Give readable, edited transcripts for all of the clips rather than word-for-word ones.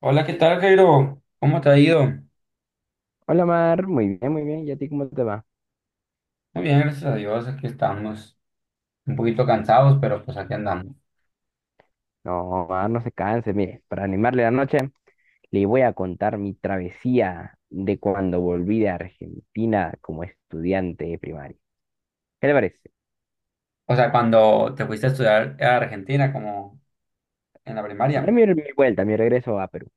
Hola, ¿qué tal, Jairo? ¿Cómo te ha ido? Hola Mar, muy bien, muy bien. ¿Y a ti cómo te va? Muy bien, gracias a Dios, aquí estamos. Un poquito cansados, pero pues aquí andamos. No, Mar, no se canse. Mire, para animarle la noche, le voy a contar mi travesía de cuando volví de Argentina como estudiante de primaria. ¿Qué le parece? O sea, cuando te fuiste a estudiar a Argentina, como en la Ya primaria. mi vuelta, mi regreso a Perú.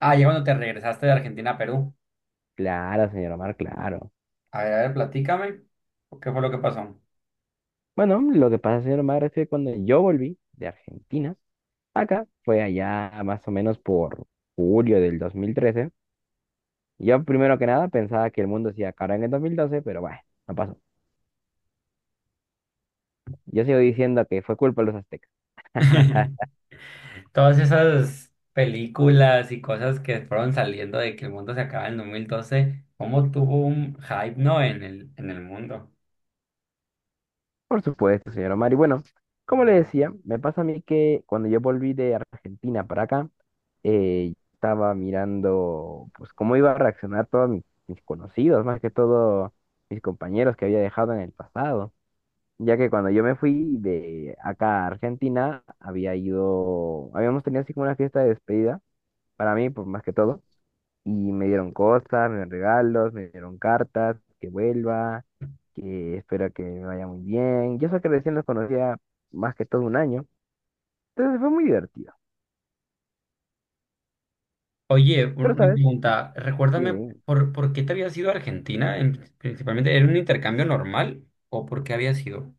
Ah, ya cuando te regresaste de Argentina a Perú. Claro, señor Mar, claro. A ver, platícame. ¿Qué fue lo que pasó? Bueno, lo que pasa, señor Mar, es que cuando yo volví de Argentina, acá fue allá más o menos por julio del 2013. Yo primero que nada pensaba que el mundo se iba a acabar en el 2012, pero bueno, no pasó. Yo sigo diciendo que fue culpa de los aztecas. Todas esas películas y cosas que fueron saliendo de que el mundo se acaba en 2012, ¿cómo tuvo un hype, no? En el mundo. Por supuesto, señor Omar. Y bueno, como le decía, me pasa a mí que cuando yo volví de Argentina para acá, estaba mirando pues cómo iba a reaccionar todos mis conocidos, más que todo mis compañeros que había dejado en el pasado, ya que cuando yo me fui de acá a Argentina, habíamos tenido así como una fiesta de despedida para mí, por más que todo. Y me dieron cosas, me dieron regalos, me dieron cartas, que vuelva, que espero que me vaya muy bien. Yo sé que recién los conocía más que todo un año, entonces fue muy divertido. Oye, Pero, una ¿sabes? pregunta. Dime, Recuérdame, dime. ¿por qué te habías ido a Argentina? En- principalmente, ¿era un intercambio normal o por qué habías ido?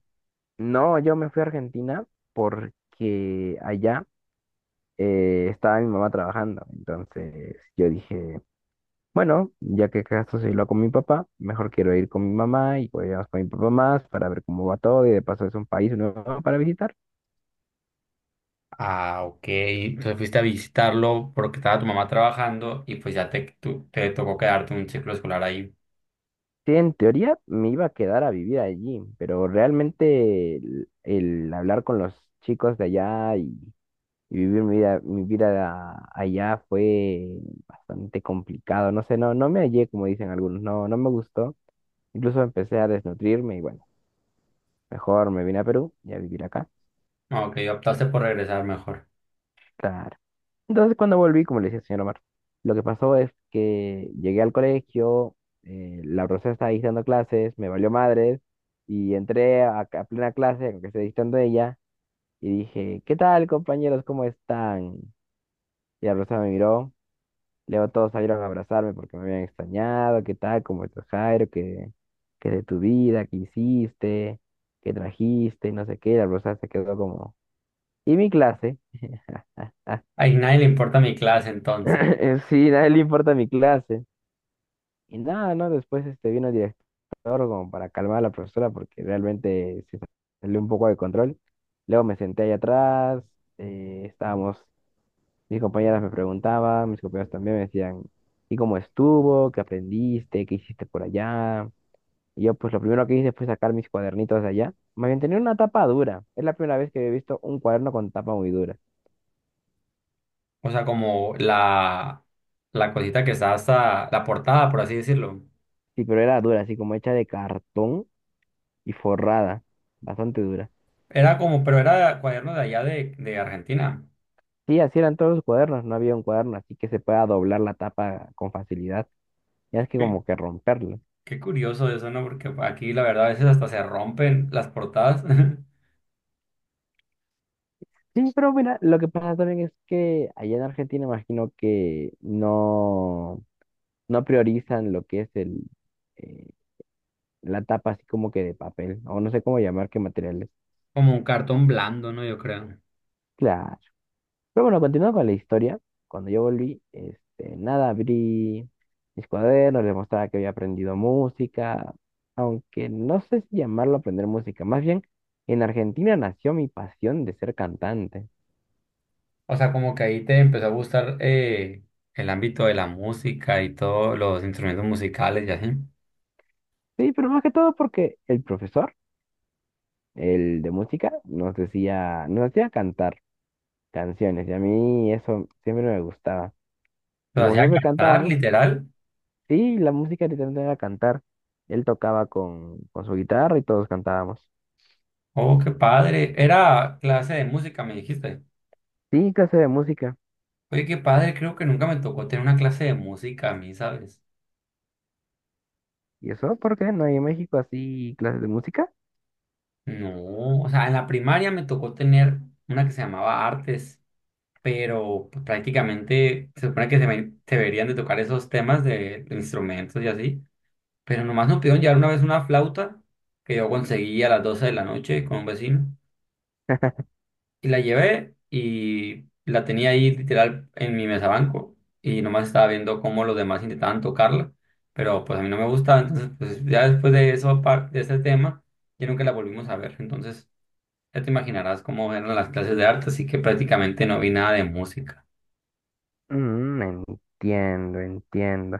No, yo me fui a Argentina porque allá estaba mi mamá trabajando. Entonces yo dije, bueno, ya que acaso se lo con mi papá, mejor quiero ir con mi mamá y pues vamos con mi papá más para ver cómo va todo y de paso es un país nuevo para visitar. Ah, ok. Entonces fuiste a visitarlo porque estaba tu mamá trabajando y pues ya te, tu- te tocó quedarte un ciclo escolar ahí. Sí, en teoría me iba a quedar a vivir allí, pero realmente el hablar con los chicos de allá y vivir mi vida allá fue bastante complicado. No sé, no, no me hallé, como dicen algunos, no, no me gustó. Incluso empecé a desnutrirme y bueno, mejor me vine a Perú y a vivir acá. Ah, ok, optaste por regresar mejor. Claro. Entonces, cuando volví, como le decía el señor Omar, lo que pasó es que llegué al colegio, la profesora estaba ahí dando clases, me valió madres, y entré a plena clase, aunque esté dictando ella, y dije, ¿qué tal, compañeros? ¿Cómo están? Y la profesora me miró, luego todos salieron a abrazarme porque me habían extrañado, ¿qué tal? ¿Cómo estás, Jairo? ¿Qué de tu vida? ¿Qué hiciste? ¿Qué trajiste? Y no sé qué, la profesora se quedó como... ¿Y mi clase? A nadie le importa mi clase entonces. Sí, nadie le importa mi clase. Y nada, ¿no? Después este, vino el director como para calmar a la profesora porque realmente se salió un poco de control. Luego me senté ahí atrás, eh, estábamos, mis compañeras me preguntaban, mis compañeros también me decían, ¿y cómo estuvo? ¿Qué aprendiste? ¿Qué hiciste por allá? Y yo pues lo primero que hice fue sacar mis cuadernitos de allá. Más bien tenía una tapa dura. Es la primera vez que había visto un cuaderno con tapa muy dura. O sea, como la cosita que está hasta la portada, por así decirlo. Sí, pero era dura, así como hecha de cartón y forrada, bastante dura. Era como, pero era cuaderno de allá de Argentina. Sí, así eran todos los cuadernos, no había un cuaderno así que se pueda doblar la tapa con facilidad, ya es que como que romperlo. Qué curioso eso, ¿no? Porque aquí la verdad a veces hasta se rompen las portadas. Sí, pero mira, lo que pasa también es que allá en Argentina imagino que no, no priorizan lo que es eh, la tapa así como que de papel, o no sé cómo llamar qué materiales. Como un cartón blando, ¿no? Yo creo. Claro. Pero bueno, continuando con la historia, cuando yo volví, este, nada, abrí mis cuadernos, les mostraba que había aprendido música, aunque no sé si llamarlo aprender música, más bien en Argentina nació mi pasión de ser cantante. O sea, como que ahí te empezó a gustar el ámbito de la música y todos los instrumentos musicales y así. Sí, pero más que todo porque el profesor, el de música, nos hacía cantar canciones y a mí eso siempre me gustaba. Y Lo como hacía siempre cantar, cantábamos, literal. sí, la música literalmente era cantar. Él tocaba con su guitarra y todos cantábamos. Oh, qué padre. Era clase de música, me dijiste. Sí, clase de música. Oye, qué padre, creo que nunca me tocó tener una clase de música a mí, ¿sabes? ¿Y eso por qué no hay en México así clases de música? No, o sea, en la primaria me tocó tener una que se llamaba artes. Pero pues, prácticamente se supone que se, me- se deberían de tocar esos temas de instrumentos y así, pero nomás nos pidieron llevar una vez una flauta que yo conseguí a las 12 de la noche con un vecino y la llevé y la tenía ahí literal en mi mesa banco y nomás estaba viendo cómo los demás intentaban tocarla, pero pues a mí no me gustaba, entonces pues ya después de eso, par- de ese tema, ya nunca la volvimos a ver, entonces... Ya te imaginarás cómo eran las clases de arte, así que prácticamente no vi nada de música. Mm, entiendo, entiendo.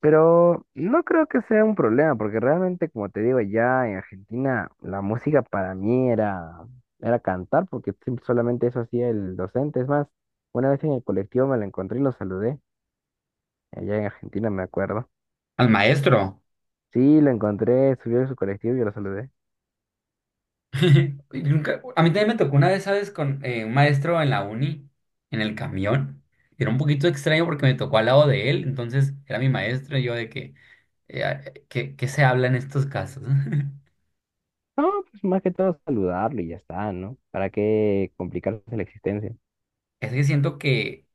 Pero no creo que sea un problema, porque realmente, como te digo, ya en Argentina la música para mí era cantar, porque solamente eso hacía el docente. Es más, una vez en el colectivo me lo encontré y lo saludé. Allá en Argentina me acuerdo. Al maestro. Sí, lo encontré, subió de su colectivo y yo lo saludé. Y nunca- a mí también me tocó una vez, ¿sabes? Con un maestro en la uni, en el camión. Era un poquito extraño porque me tocó al lado de él, entonces era mi maestro y yo de que, eh, ah, ¿qué, qué se habla en estos casos? No, pues más que todo saludarlo y ya está, ¿no? ¿Para qué complicarse la existencia? Es que siento que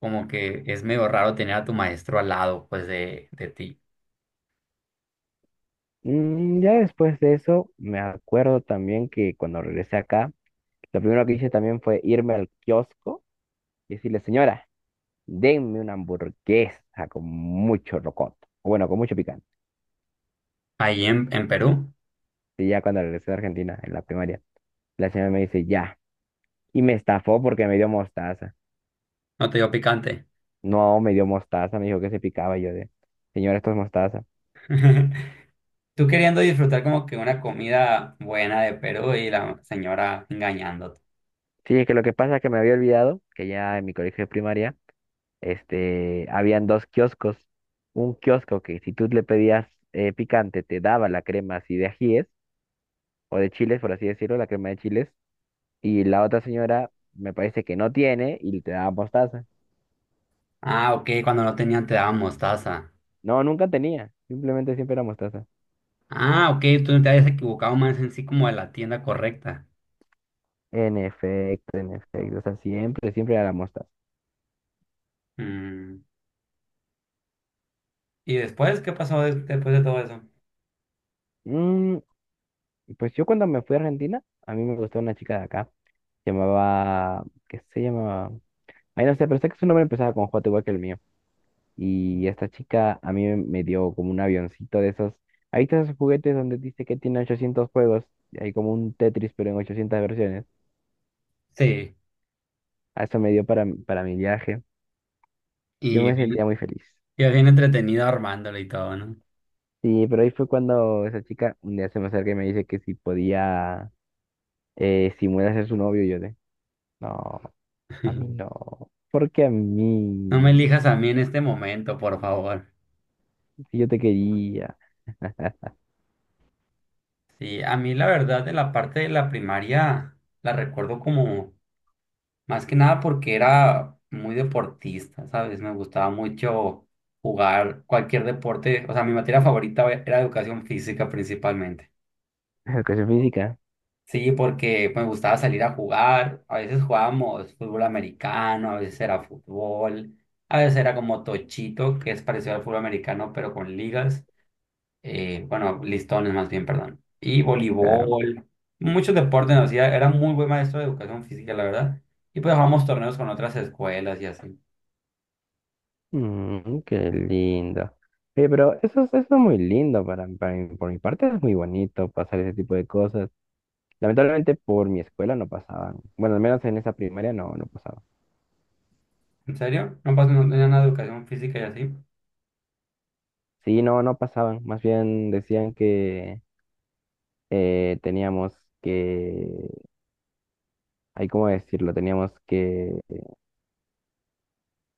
como que es medio raro tener a tu maestro al lado, pues, de ti. Ya después de eso, me acuerdo también que cuando regresé acá, lo primero que hice también fue irme al kiosco y decirle, señora, denme una hamburguesa con mucho rocoto, o bueno, con mucho picante. Ahí en Perú, Y ya cuando regresé a Argentina, en la primaria, la señora me dice, ya, y me estafó porque me dio mostaza. no te dio picante. No, me dio mostaza, me dijo que se picaba y yo de, señora, esto es mostaza. Tú queriendo disfrutar como que una comida buena de Perú y la señora engañándote. Sí, es que lo que pasa es que me había olvidado que ya en mi colegio de primaria este, habían dos kioscos. Un kiosco que si tú le pedías picante, te daba la crema así de ajíes, o de chiles, por así decirlo, la crema de chiles. Y la otra señora me parece que no tiene y te daba mostaza. Ah, ok, cuando no tenían te daban mostaza. No, nunca tenía. Simplemente siempre era mostaza. Ah, ok, tú no te habías equivocado más en sí como de la tienda correcta. En efecto, en efecto. O sea, siempre, siempre era la mostaza. Mm, ¿y después qué pasó des- después de todo eso? Mm, pues yo cuando me fui a Argentina, a mí me gustó una chica de acá. Se llamaba, ¿qué se llamaba? Ay, no sé, pero sé que su nombre empezaba con J igual que el mío. Y esta chica a mí me dio como un avioncito de esos. Ahí están esos juguetes donde dice que tiene 800 juegos. Y hay como un Tetris, pero en 800 versiones. Sí, A eso me dio para mi viaje. Yo y me bien, sentía muy feliz. y bien entretenido armándole y todo, ¿no? Sí, pero ahí fue cuando esa chica un día se me acerca y me dice que si podía simular ser su novio. Y yo de, no, a mí no. ¿Por qué a No me mí? elijas a mí en este momento, por favor. Si yo te quería. Sí, a mí la verdad de la parte de la primaria la recuerdo como más que nada porque era muy deportista, ¿sabes? Me gustaba mucho jugar cualquier deporte. O sea, mi materia favorita era educación física principalmente. Educación física, Sí, porque me gustaba salir a jugar. A veces jugábamos fútbol americano, a veces era fútbol, a veces era como tochito, que es parecido al fútbol americano, pero con ligas. Bueno, listones más bien, perdón. Y claro. voleibol, muchos deportes nos hacía. Era muy buen maestro de educación física, la verdad. Y pues jugábamos torneos con otras escuelas y así. Qué lindo. Oye, pero eso, eso es muy lindo para, por mi parte, es muy bonito pasar ese tipo de cosas. Lamentablemente por mi escuela no pasaban. Bueno, al menos en esa primaria no, no pasaban. ¿En serio? No, pas- no tenía nada de educación física y así. Sí, no, no pasaban. Más bien decían que teníamos que, ay, ¿cómo decirlo? Teníamos que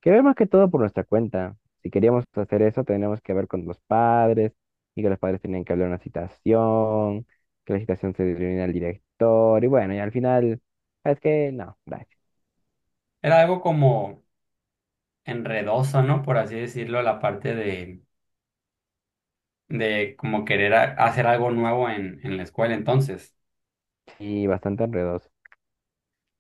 quería más que todo por nuestra cuenta. Si queríamos hacer eso, teníamos que ver con los padres y que los padres tenían que hablar una citación, que la citación se reunía al director y bueno, y al final, ¿sabes que no, gracias. Era algo como enredoso, ¿no? Por así decirlo, la parte de como querer a- hacer algo nuevo en la escuela. Entonces, Y bastante enredoso.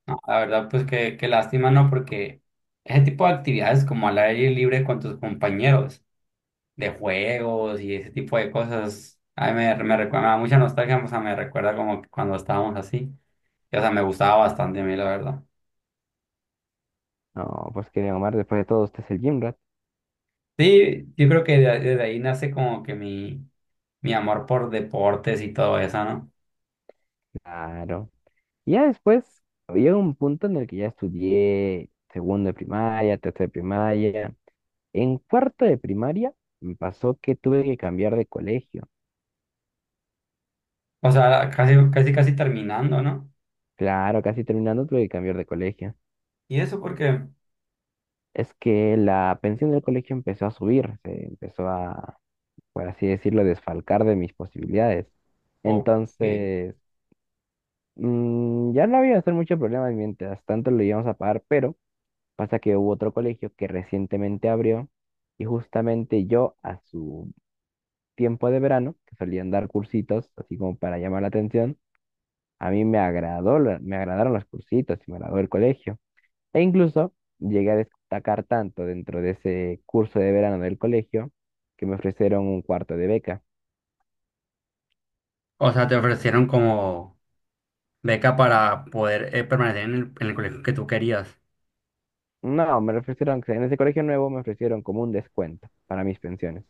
no, la verdad, pues qué, qué lástima, ¿no? Porque ese tipo de actividades como al aire libre con tus compañeros, de juegos y ese tipo de cosas, a mí me, me recuerda, me da mucha nostalgia, o sea, me recuerda como que cuando estábamos así. Y, o sea, me gustaba bastante a mí, la verdad. No, pues quería Omar, después de todo, usted es el gym rat. Sí, yo creo que de- desde ahí nace como que mi amor por deportes y todo eso, ¿no? Claro. Y ya después, había un punto en el que ya estudié segundo de primaria, tercero de primaria. En cuarto de primaria, me pasó que tuve que cambiar de colegio. O sea, casi, casi, casi terminando, ¿no? Claro, casi terminando tuve que cambiar de colegio. Y eso porque... Es que la pensión del colegio empezó a subir, se empezó a, por así decirlo, desfalcar de mis posibilidades. Ok. Entonces, ya no había hacer mucho problema mientras tanto lo íbamos a pagar, pero pasa que hubo otro colegio que recientemente abrió y justamente yo a su tiempo de verano, que solían dar cursitos, así como para llamar la atención, a mí me agradó, me agradaron los cursitos y me agradó el colegio. E incluso llegué a destacar tanto dentro de ese curso de verano del colegio que me ofrecieron un cuarto de beca. O sea, te ofrecieron como beca para poder permanecer en el colegio que tú querías. No, en ese colegio nuevo me ofrecieron como un descuento para mis pensiones.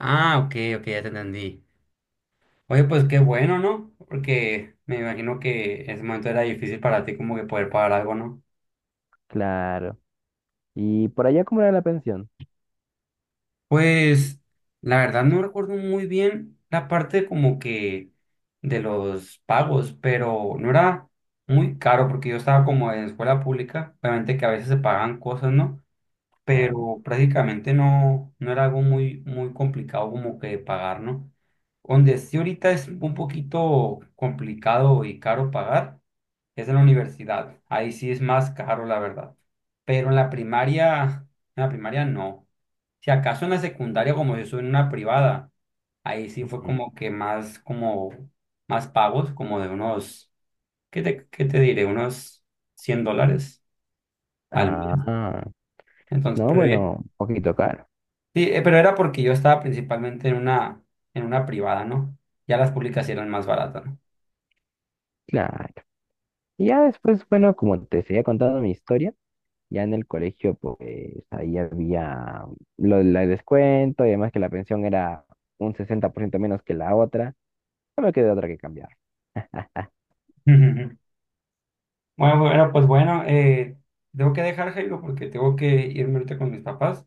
Ah, ok, ok, ya te entendí. Oye, pues qué bueno, ¿no? Porque me imagino que en ese momento era difícil para ti como que poder pagar algo, ¿no? Claro. ¿Y por allá cómo era la pensión? Pues la verdad no recuerdo muy bien la parte como que de los pagos, pero no era muy caro porque yo estaba como en escuela pública, obviamente que a veces se pagan cosas, ¿no? Claro. Pero prácticamente no, no era algo muy, muy complicado como que de pagar, ¿no? Donde sí ahorita es un poquito complicado y caro pagar es en la universidad. Ahí sí es más caro, la verdad. Pero en la primaria no. Si acaso en la secundaria, como yo soy en una privada, ahí sí fue Ujú. como que más, como, más pagos, como de unos, qué te diré? Unos $100 al mes. Ah, Entonces, no, pero ya- bueno, un poquito caro. Sí, pero era porque yo estaba principalmente en una privada, ¿no? Ya las públicas sí eran más baratas, ¿no? Claro. Y ya después, bueno, como te seguía contando mi historia, ya en el colegio, pues ahí había lo del descuento y además que la pensión era un 60% menos que la otra. No me queda otra que cambiar. Bueno, bueno, pues bueno, tengo que dejar, Jairo, porque tengo que irme ahorita con mis papás,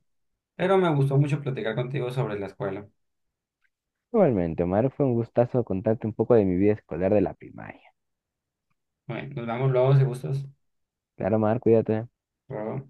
pero me gustó mucho platicar contigo sobre la escuela. Igualmente, Omar, fue un gustazo contarte un poco de mi vida escolar de la primaria. Bueno, nos vemos luego, si gustas. Claro, Omar, cuídate. Hasta luego.